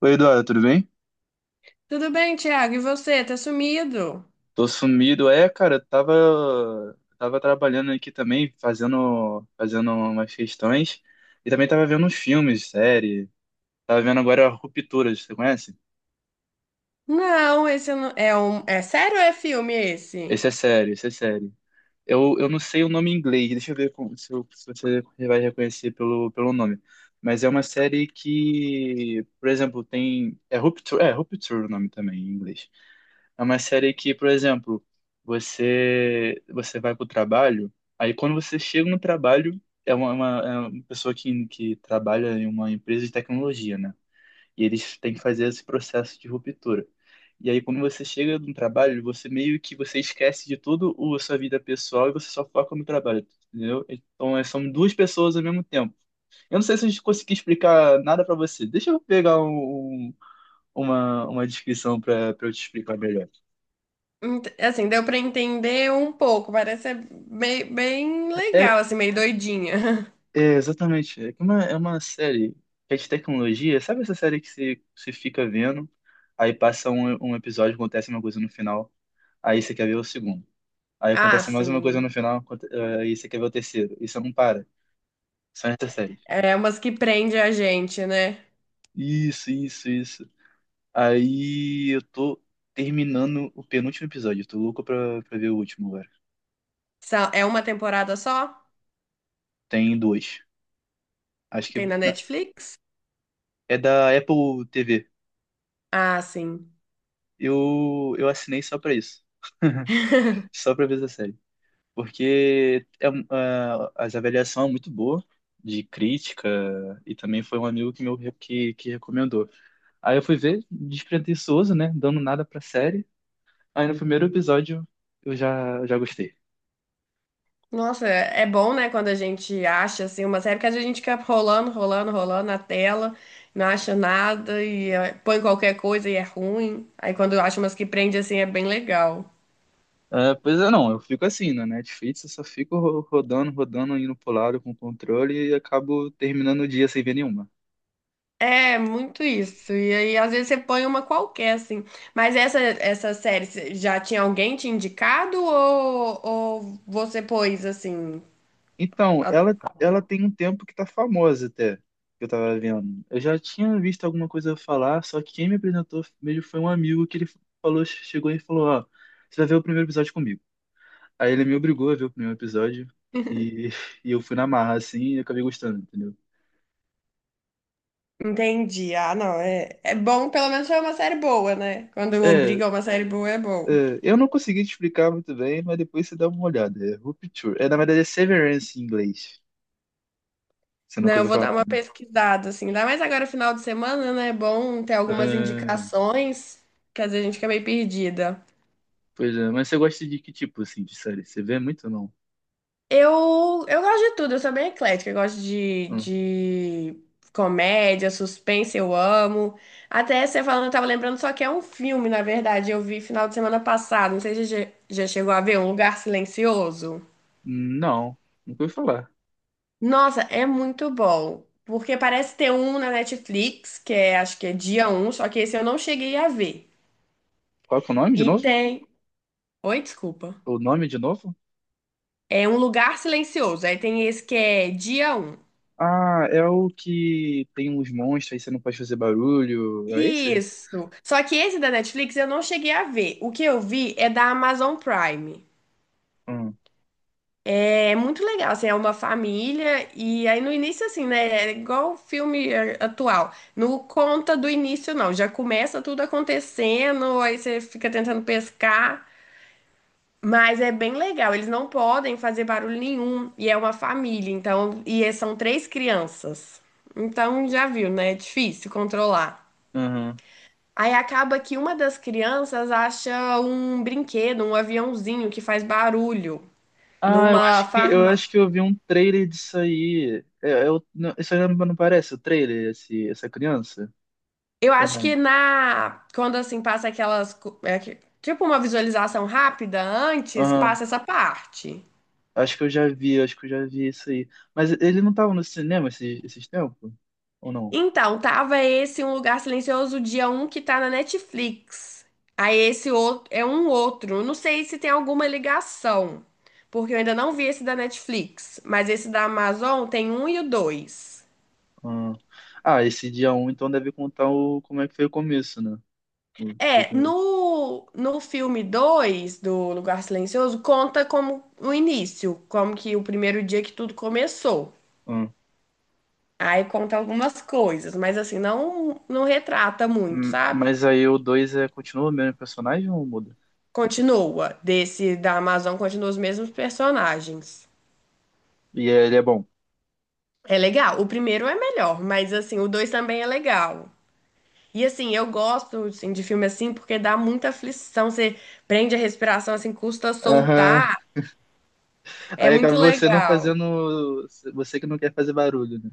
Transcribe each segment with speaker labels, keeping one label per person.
Speaker 1: Oi, Eduardo, tudo bem?
Speaker 2: Tudo bem, Thiago? E você? Tá sumido?
Speaker 1: Tô sumido. É, cara, eu tava trabalhando aqui também, fazendo umas questões. E também tava vendo uns filmes, série. Tava vendo agora Rupturas, você conhece?
Speaker 2: Não, esse eu não... É um. É sério ou é filme esse?
Speaker 1: Esse é sério, esse é sério. Eu não sei o nome em inglês, deixa eu ver com- se, eu- se você vai reconhecer pelo nome. Mas é uma série que, por exemplo, tem. É Rupture o nome também em inglês. É uma série que, por exemplo, você vai pro trabalho, aí quando você chega no trabalho, é uma pessoa que trabalha em uma empresa de tecnologia, né? E eles têm que fazer esse processo de ruptura. E aí quando você chega no trabalho, você meio que você esquece de tudo o sua vida pessoal e você só foca no trabalho, entendeu? Então é, são duas pessoas ao mesmo tempo. Eu não sei se eu consegui explicar nada pra você. Deixa eu pegar uma descrição pra eu te explicar melhor.
Speaker 2: Assim, deu pra entender um pouco. Parece ser bem, bem
Speaker 1: É,
Speaker 2: legal, assim, meio doidinha.
Speaker 1: é, exatamente. É que é uma série que é de tecnologia. Sabe essa série que você fica vendo, aí passa um episódio, acontece uma coisa no final, aí você quer ver o segundo. Aí
Speaker 2: Ah,
Speaker 1: acontece mais uma coisa
Speaker 2: sim.
Speaker 1: no final, aí você quer ver o terceiro. E você não para. São essas séries.
Speaker 2: É umas que prende a gente, né?
Speaker 1: Isso, isso, isso. Aí eu tô terminando o penúltimo episódio. Eu tô louco pra ver o último agora.
Speaker 2: São- É uma temporada só?
Speaker 1: Tem dois. Acho
Speaker 2: Tem
Speaker 1: que
Speaker 2: na
Speaker 1: na-
Speaker 2: Netflix?
Speaker 1: É da Apple TV.
Speaker 2: Ah, sim.
Speaker 1: Eu assinei só pra isso. Só pra ver essa série. Porque as avaliação é muito boa de crítica e também foi um amigo que meu que recomendou. Aí eu fui ver, despretensioso, né, dando nada pra série. Aí no primeiro episódio eu já gostei.
Speaker 2: Nossa, é bom, né, quando a gente acha assim uma série, porque às vezes a gente fica rolando, rolando, rolando na tela, não acha nada e põe qualquer coisa e é ruim. Aí quando acha umas que prende assim é bem legal.
Speaker 1: Ah, pois é, não, eu fico assim, na Netflix eu só fico rodando, rodando, indo pro lado com o controle e acabo terminando o dia sem ver nenhuma.
Speaker 2: É, muito isso. E aí às vezes você põe uma qualquer assim. Mas essa série já tinha alguém te indicado ou você pôs assim?
Speaker 1: Então,
Speaker 2: A-
Speaker 1: ela tem um tempo que tá famosa até, que eu tava vendo. Eu já tinha visto alguma coisa falar, só que quem me apresentou mesmo foi um amigo que ele falou, chegou e falou, ó, você vai ver o primeiro episódio comigo. Aí ele me obrigou a ver o primeiro episódio e, e eu fui na marra, assim, e acabei gostando, entendeu?
Speaker 2: Entendi. Ah, não, é bom, pelo menos foi uma série boa, né? Quando
Speaker 1: É,
Speaker 2: obriga uma série boa é bom.
Speaker 1: é, eu não consegui te explicar muito bem, mas depois você dá uma olhada. É Rupture. É, na verdade, é Severance em inglês. Você
Speaker 2: Não,
Speaker 1: nunca
Speaker 2: eu
Speaker 1: ouviu
Speaker 2: vou
Speaker 1: falar.
Speaker 2: dar uma pesquisada, assim. Ainda mais agora, final de semana, né? É bom ter algumas
Speaker 1: Ah,
Speaker 2: indicações, que às vezes a gente fica meio perdida.
Speaker 1: pois é, mas você gosta de que tipo, assim, de série? Você vê muito ou não?
Speaker 2: Eu gosto de tudo, eu sou bem eclética. Eu gosto de comédia, suspense, eu amo. Até você falando, eu tava lembrando só que é um filme, na verdade. Eu vi final de semana passado, não sei se você já chegou a ver, Um Lugar Silencioso.
Speaker 1: Não, nunca ouvi falar.
Speaker 2: Nossa, é muito bom. Porque parece ter um na Netflix, que é, acho que é dia um só que esse eu não cheguei a ver.
Speaker 1: Qual que é o nome de
Speaker 2: E
Speaker 1: novo?
Speaker 2: tem. Oi, desculpa.
Speaker 1: O nome de novo?
Speaker 2: É um lugar silencioso. Aí tem esse que é dia um.
Speaker 1: Ah, é o que tem uns monstros aí você não pode fazer barulho. É esse?
Speaker 2: Isso. Só que esse da Netflix eu não cheguei a ver. O que eu vi é da Amazon Prime.
Speaker 1: Hum,
Speaker 2: É muito legal, assim, é uma família e aí no início assim, né, é igual o filme atual. Não conta do início não, já começa tudo acontecendo, aí você fica tentando pescar. Mas é bem legal, eles não podem fazer barulho nenhum e é uma família, então, e é- são três crianças. Então já viu, né? É difícil controlar.
Speaker 1: aham.
Speaker 2: Aí acaba que uma das crianças acha um brinquedo, um aviãozinho que faz barulho
Speaker 1: Ah, eu
Speaker 2: numa
Speaker 1: acho que eu acho
Speaker 2: farmácia.
Speaker 1: que eu vi um trailer disso aí. Não, isso aí não, não parece o trailer, esse, essa criança?
Speaker 2: Eu
Speaker 1: Ou
Speaker 2: acho
Speaker 1: não?
Speaker 2: que na quando assim passa aquelas co- é que- tipo uma visualização rápida antes,
Speaker 1: Aham.
Speaker 2: passa essa parte.
Speaker 1: Acho que eu já vi isso aí. Mas ele não tava no cinema esses tempos? Ou não?
Speaker 2: Então, tava esse Um Lugar Silencioso, dia um que tá na Netflix. Aí esse outro é um outro. Eu não sei se tem alguma ligação, porque eu ainda não vi esse da Netflix, mas esse da Amazon tem um e o dois.
Speaker 1: Ah, Ah, esse dia um, então deve contar o, como é que foi o começo, né? O- de-
Speaker 2: É, no filme 2 do Um Lugar Silencioso, conta como o início, como que o primeiro dia que tudo começou.
Speaker 1: ah.
Speaker 2: Aí conta algumas coisas, mas assim, não, não retrata muito, sabe?
Speaker 1: Mas aí o 2 é, continua o mesmo personagem ou muda?
Speaker 2: Continua. Desse da Amazon continua os mesmos personagens.
Speaker 1: E ele é bom.
Speaker 2: É legal. O primeiro é melhor, mas assim, o dois também é legal. E assim, eu gosto assim, de filme assim porque dá muita aflição. Você prende a respiração, assim, custa
Speaker 1: Aham.
Speaker 2: soltar. É
Speaker 1: Aí acaba
Speaker 2: muito
Speaker 1: você não
Speaker 2: legal.
Speaker 1: fazendo. Você que não quer fazer barulho, né?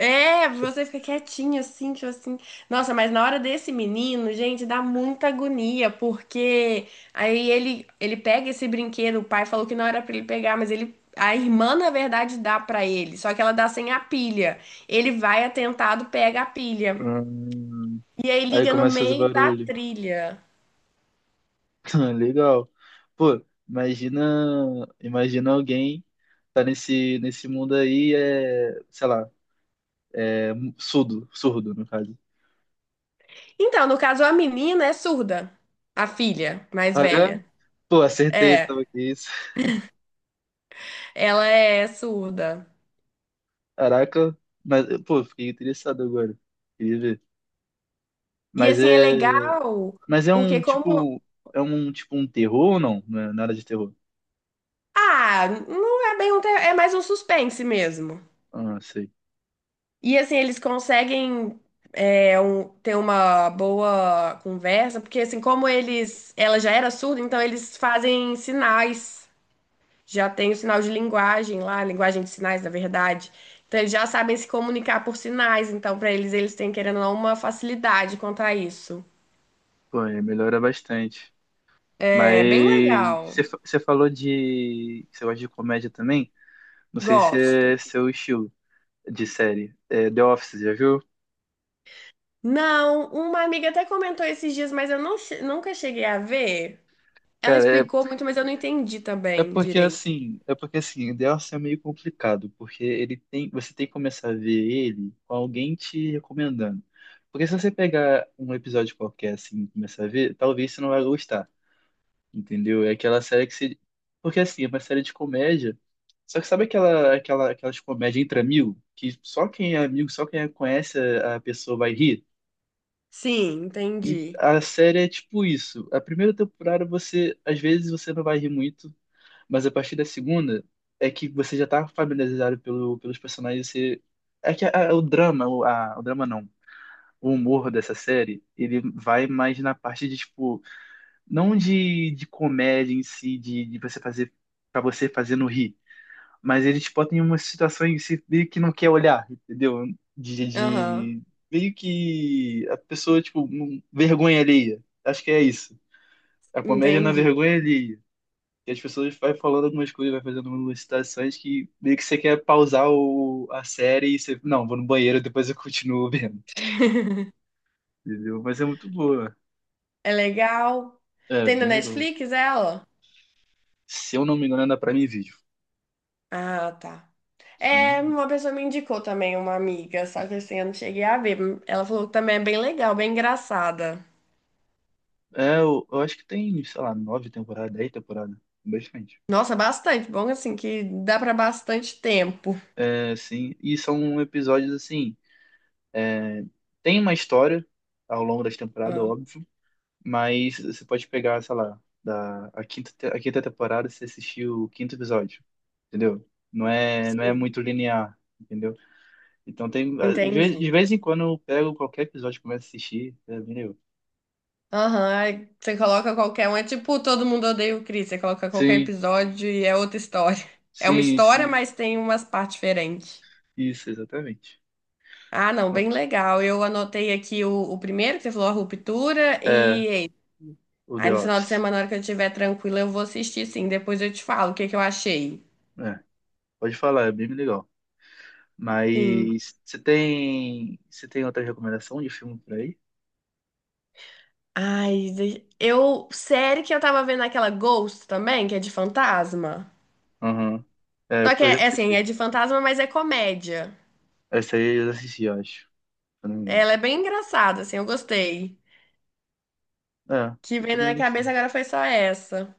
Speaker 2: É, você fica quietinho assim, tipo assim. Nossa, mas na hora desse menino, gente, dá muita agonia, porque aí ele pega esse brinquedo, o pai falou que não era pra ele pegar, mas ele a irmã na verdade dá pra ele, só que ela dá sem a pilha. Ele vai atentado, pega a pilha
Speaker 1: Hum,
Speaker 2: e aí
Speaker 1: aí
Speaker 2: liga no
Speaker 1: começa a fazer
Speaker 2: meio da
Speaker 1: barulho.
Speaker 2: trilha.
Speaker 1: Legal. Pô, imagina. Imagina alguém tá nesse mundo aí, é, sei lá, surdo, surdo, no caso.
Speaker 2: Então, no caso a menina é surda, a filha mais
Speaker 1: Ah, é?
Speaker 2: velha.
Speaker 1: Pô, acertei,
Speaker 2: É,
Speaker 1: então, que isso.
Speaker 2: ela é surda.
Speaker 1: Caraca, mas, pô, fiquei interessado agora. Queria ver.
Speaker 2: E
Speaker 1: Mas
Speaker 2: assim é
Speaker 1: é.
Speaker 2: legal,
Speaker 1: Mas é
Speaker 2: porque
Speaker 1: um
Speaker 2: como
Speaker 1: tipo. É um tipo um terror ou não? Não é nada de terror.
Speaker 2: Ah, não é bem um terror, é mais um suspense mesmo.
Speaker 1: Ah, sei.
Speaker 2: E assim, eles conseguem ter uma boa conversa, porque assim, como eles, ela já era surda, então eles fazem sinais. Já tem o sinal de linguagem lá, linguagem de sinais, na verdade. Então eles já sabem se comunicar por sinais, então pra eles têm querendo ou não uma facilidade quanto a isso.
Speaker 1: Pô, aí melhora bastante.
Speaker 2: É bem legal.
Speaker 1: Você falou de. Você gosta de comédia também? Não sei se
Speaker 2: Gosto.
Speaker 1: é seu estilo de série. É, The Office, já viu?
Speaker 2: Não, uma amiga até comentou esses dias, mas eu não nunca cheguei a ver. Ela
Speaker 1: Cara,
Speaker 2: explicou muito, mas eu não entendi
Speaker 1: é
Speaker 2: também
Speaker 1: porque
Speaker 2: direito.
Speaker 1: assim. É porque assim, The Office é meio complicado, porque ele tem. Você tem que começar a ver ele com alguém te recomendando. Porque se você pegar um episódio qualquer assim e começar a ver, talvez você não vai gostar. Entendeu? É aquela série que você... Porque, assim, é uma série de comédia, só que sabe aquelas comédias entre amigos? Que só quem é amigo, só quem conhece a pessoa vai rir?
Speaker 2: Sim,
Speaker 1: E
Speaker 2: entendi.
Speaker 1: a série é tipo isso. A primeira temporada você, às vezes, você não vai rir muito, mas a partir da segunda é que você já tá familiarizado pelos personagens, você... É que a- o drama, o, a- o drama não, O humor dessa série, ele vai mais na parte de, tipo não de comédia em si, de você fazer para você fazer no rir, mas eles botam em uma situação em que você meio que não quer olhar, entendeu? De,
Speaker 2: Aham,
Speaker 1: de meio que a pessoa tipo vergonha alheia. Acho que é isso. A comédia na
Speaker 2: entendi.
Speaker 1: vergonha alheia. E as pessoas vai falando algumas coisas, vai fazendo algumas citações que meio que você quer pausar a série e você, não, vou no banheiro, depois eu continuo vendo, entendeu? Mas é muito boa.
Speaker 2: É legal.
Speaker 1: É,
Speaker 2: Tem na
Speaker 1: bem legal.
Speaker 2: Netflix ela?
Speaker 1: Se eu não me engano, é da Prime Video.
Speaker 2: Ah, tá.
Speaker 1: Se eu não me
Speaker 2: É,
Speaker 1: engano.
Speaker 2: uma pessoa me indicou também, uma amiga, só que assim, eu não cheguei a ver. Ela falou que também é bem legal, bem engraçada.
Speaker 1: É, eu acho que tem, sei lá, nove temporadas, dez temporadas. Bastante.
Speaker 2: Nossa, bastante. Bom, assim, que dá pra bastante tempo.
Speaker 1: É, sim. E são episódios assim. É, tem uma história ao longo das temporadas,
Speaker 2: Ah,
Speaker 1: óbvio, mas você pode pegar, sei lá, a quinta, a quinta temporada você assistiu o quinto episódio, entendeu? Não é
Speaker 2: sim,
Speaker 1: muito linear, entendeu? Então tem, de
Speaker 2: entendi.
Speaker 1: vez em quando eu pego qualquer episódio e começo a assistir, é, entendeu?
Speaker 2: Aham, aí você coloca qualquer um. É tipo Todo Mundo Odeia o Chris. Você coloca qualquer
Speaker 1: Sim,
Speaker 2: episódio e é outra história. É uma história,
Speaker 1: sim,
Speaker 2: mas tem umas partes diferentes.
Speaker 1: isso, exatamente.
Speaker 2: Ah, não, bem legal. Eu anotei aqui o primeiro, que você falou, a ruptura,
Speaker 1: É,
Speaker 2: e esse.
Speaker 1: o
Speaker 2: Aí
Speaker 1: The
Speaker 2: no final de
Speaker 1: Office.
Speaker 2: semana, na hora que eu estiver tranquila, eu vou assistir sim. Depois eu te falo o que que eu achei.
Speaker 1: É, pode falar, é bem legal.
Speaker 2: Sim.
Speaker 1: Mas você tem outra recomendação de filme por aí?
Speaker 2: Ai, eu. Série que eu tava vendo aquela Ghost também, que é de fantasma.
Speaker 1: Aham. É,
Speaker 2: Só que
Speaker 1: eu já
Speaker 2: é assim,
Speaker 1: assisti.
Speaker 2: é de, fantasma, mas é comédia.
Speaker 1: Essa aí eu já assisti, eu acho. Se eu não me engano.
Speaker 2: Ela é bem engraçada, assim, eu gostei.
Speaker 1: É,
Speaker 2: Que
Speaker 1: eu
Speaker 2: vem na
Speaker 1: também
Speaker 2: minha
Speaker 1: gostei.
Speaker 2: cabeça agora foi só essa.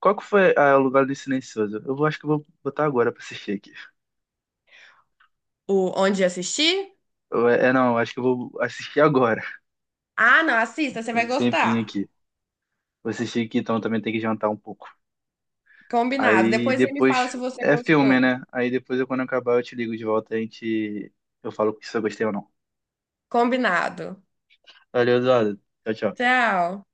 Speaker 1: Qual que foi ah, o lugar do silencioso? Eu vou, acho que eu vou botar agora pra assistir aqui.
Speaker 2: O onde assistir?
Speaker 1: Não, acho que eu vou assistir agora.
Speaker 2: Ah, não, assista, você
Speaker 1: Tem
Speaker 2: vai
Speaker 1: um tempinho
Speaker 2: gostar.
Speaker 1: aqui. Vou assistir aqui, então também tem que jantar um pouco.
Speaker 2: Combinado.
Speaker 1: Aí
Speaker 2: Depois você me fala se
Speaker 1: depois.
Speaker 2: você
Speaker 1: É filme,
Speaker 2: gostou.
Speaker 1: né? Aí depois, eu, quando eu acabar, eu te ligo de volta e a gente. Eu falo se eu gostei ou não.
Speaker 2: Combinado.
Speaker 1: Valeu, Eduardo. Tchau, tchau.
Speaker 2: Tchau.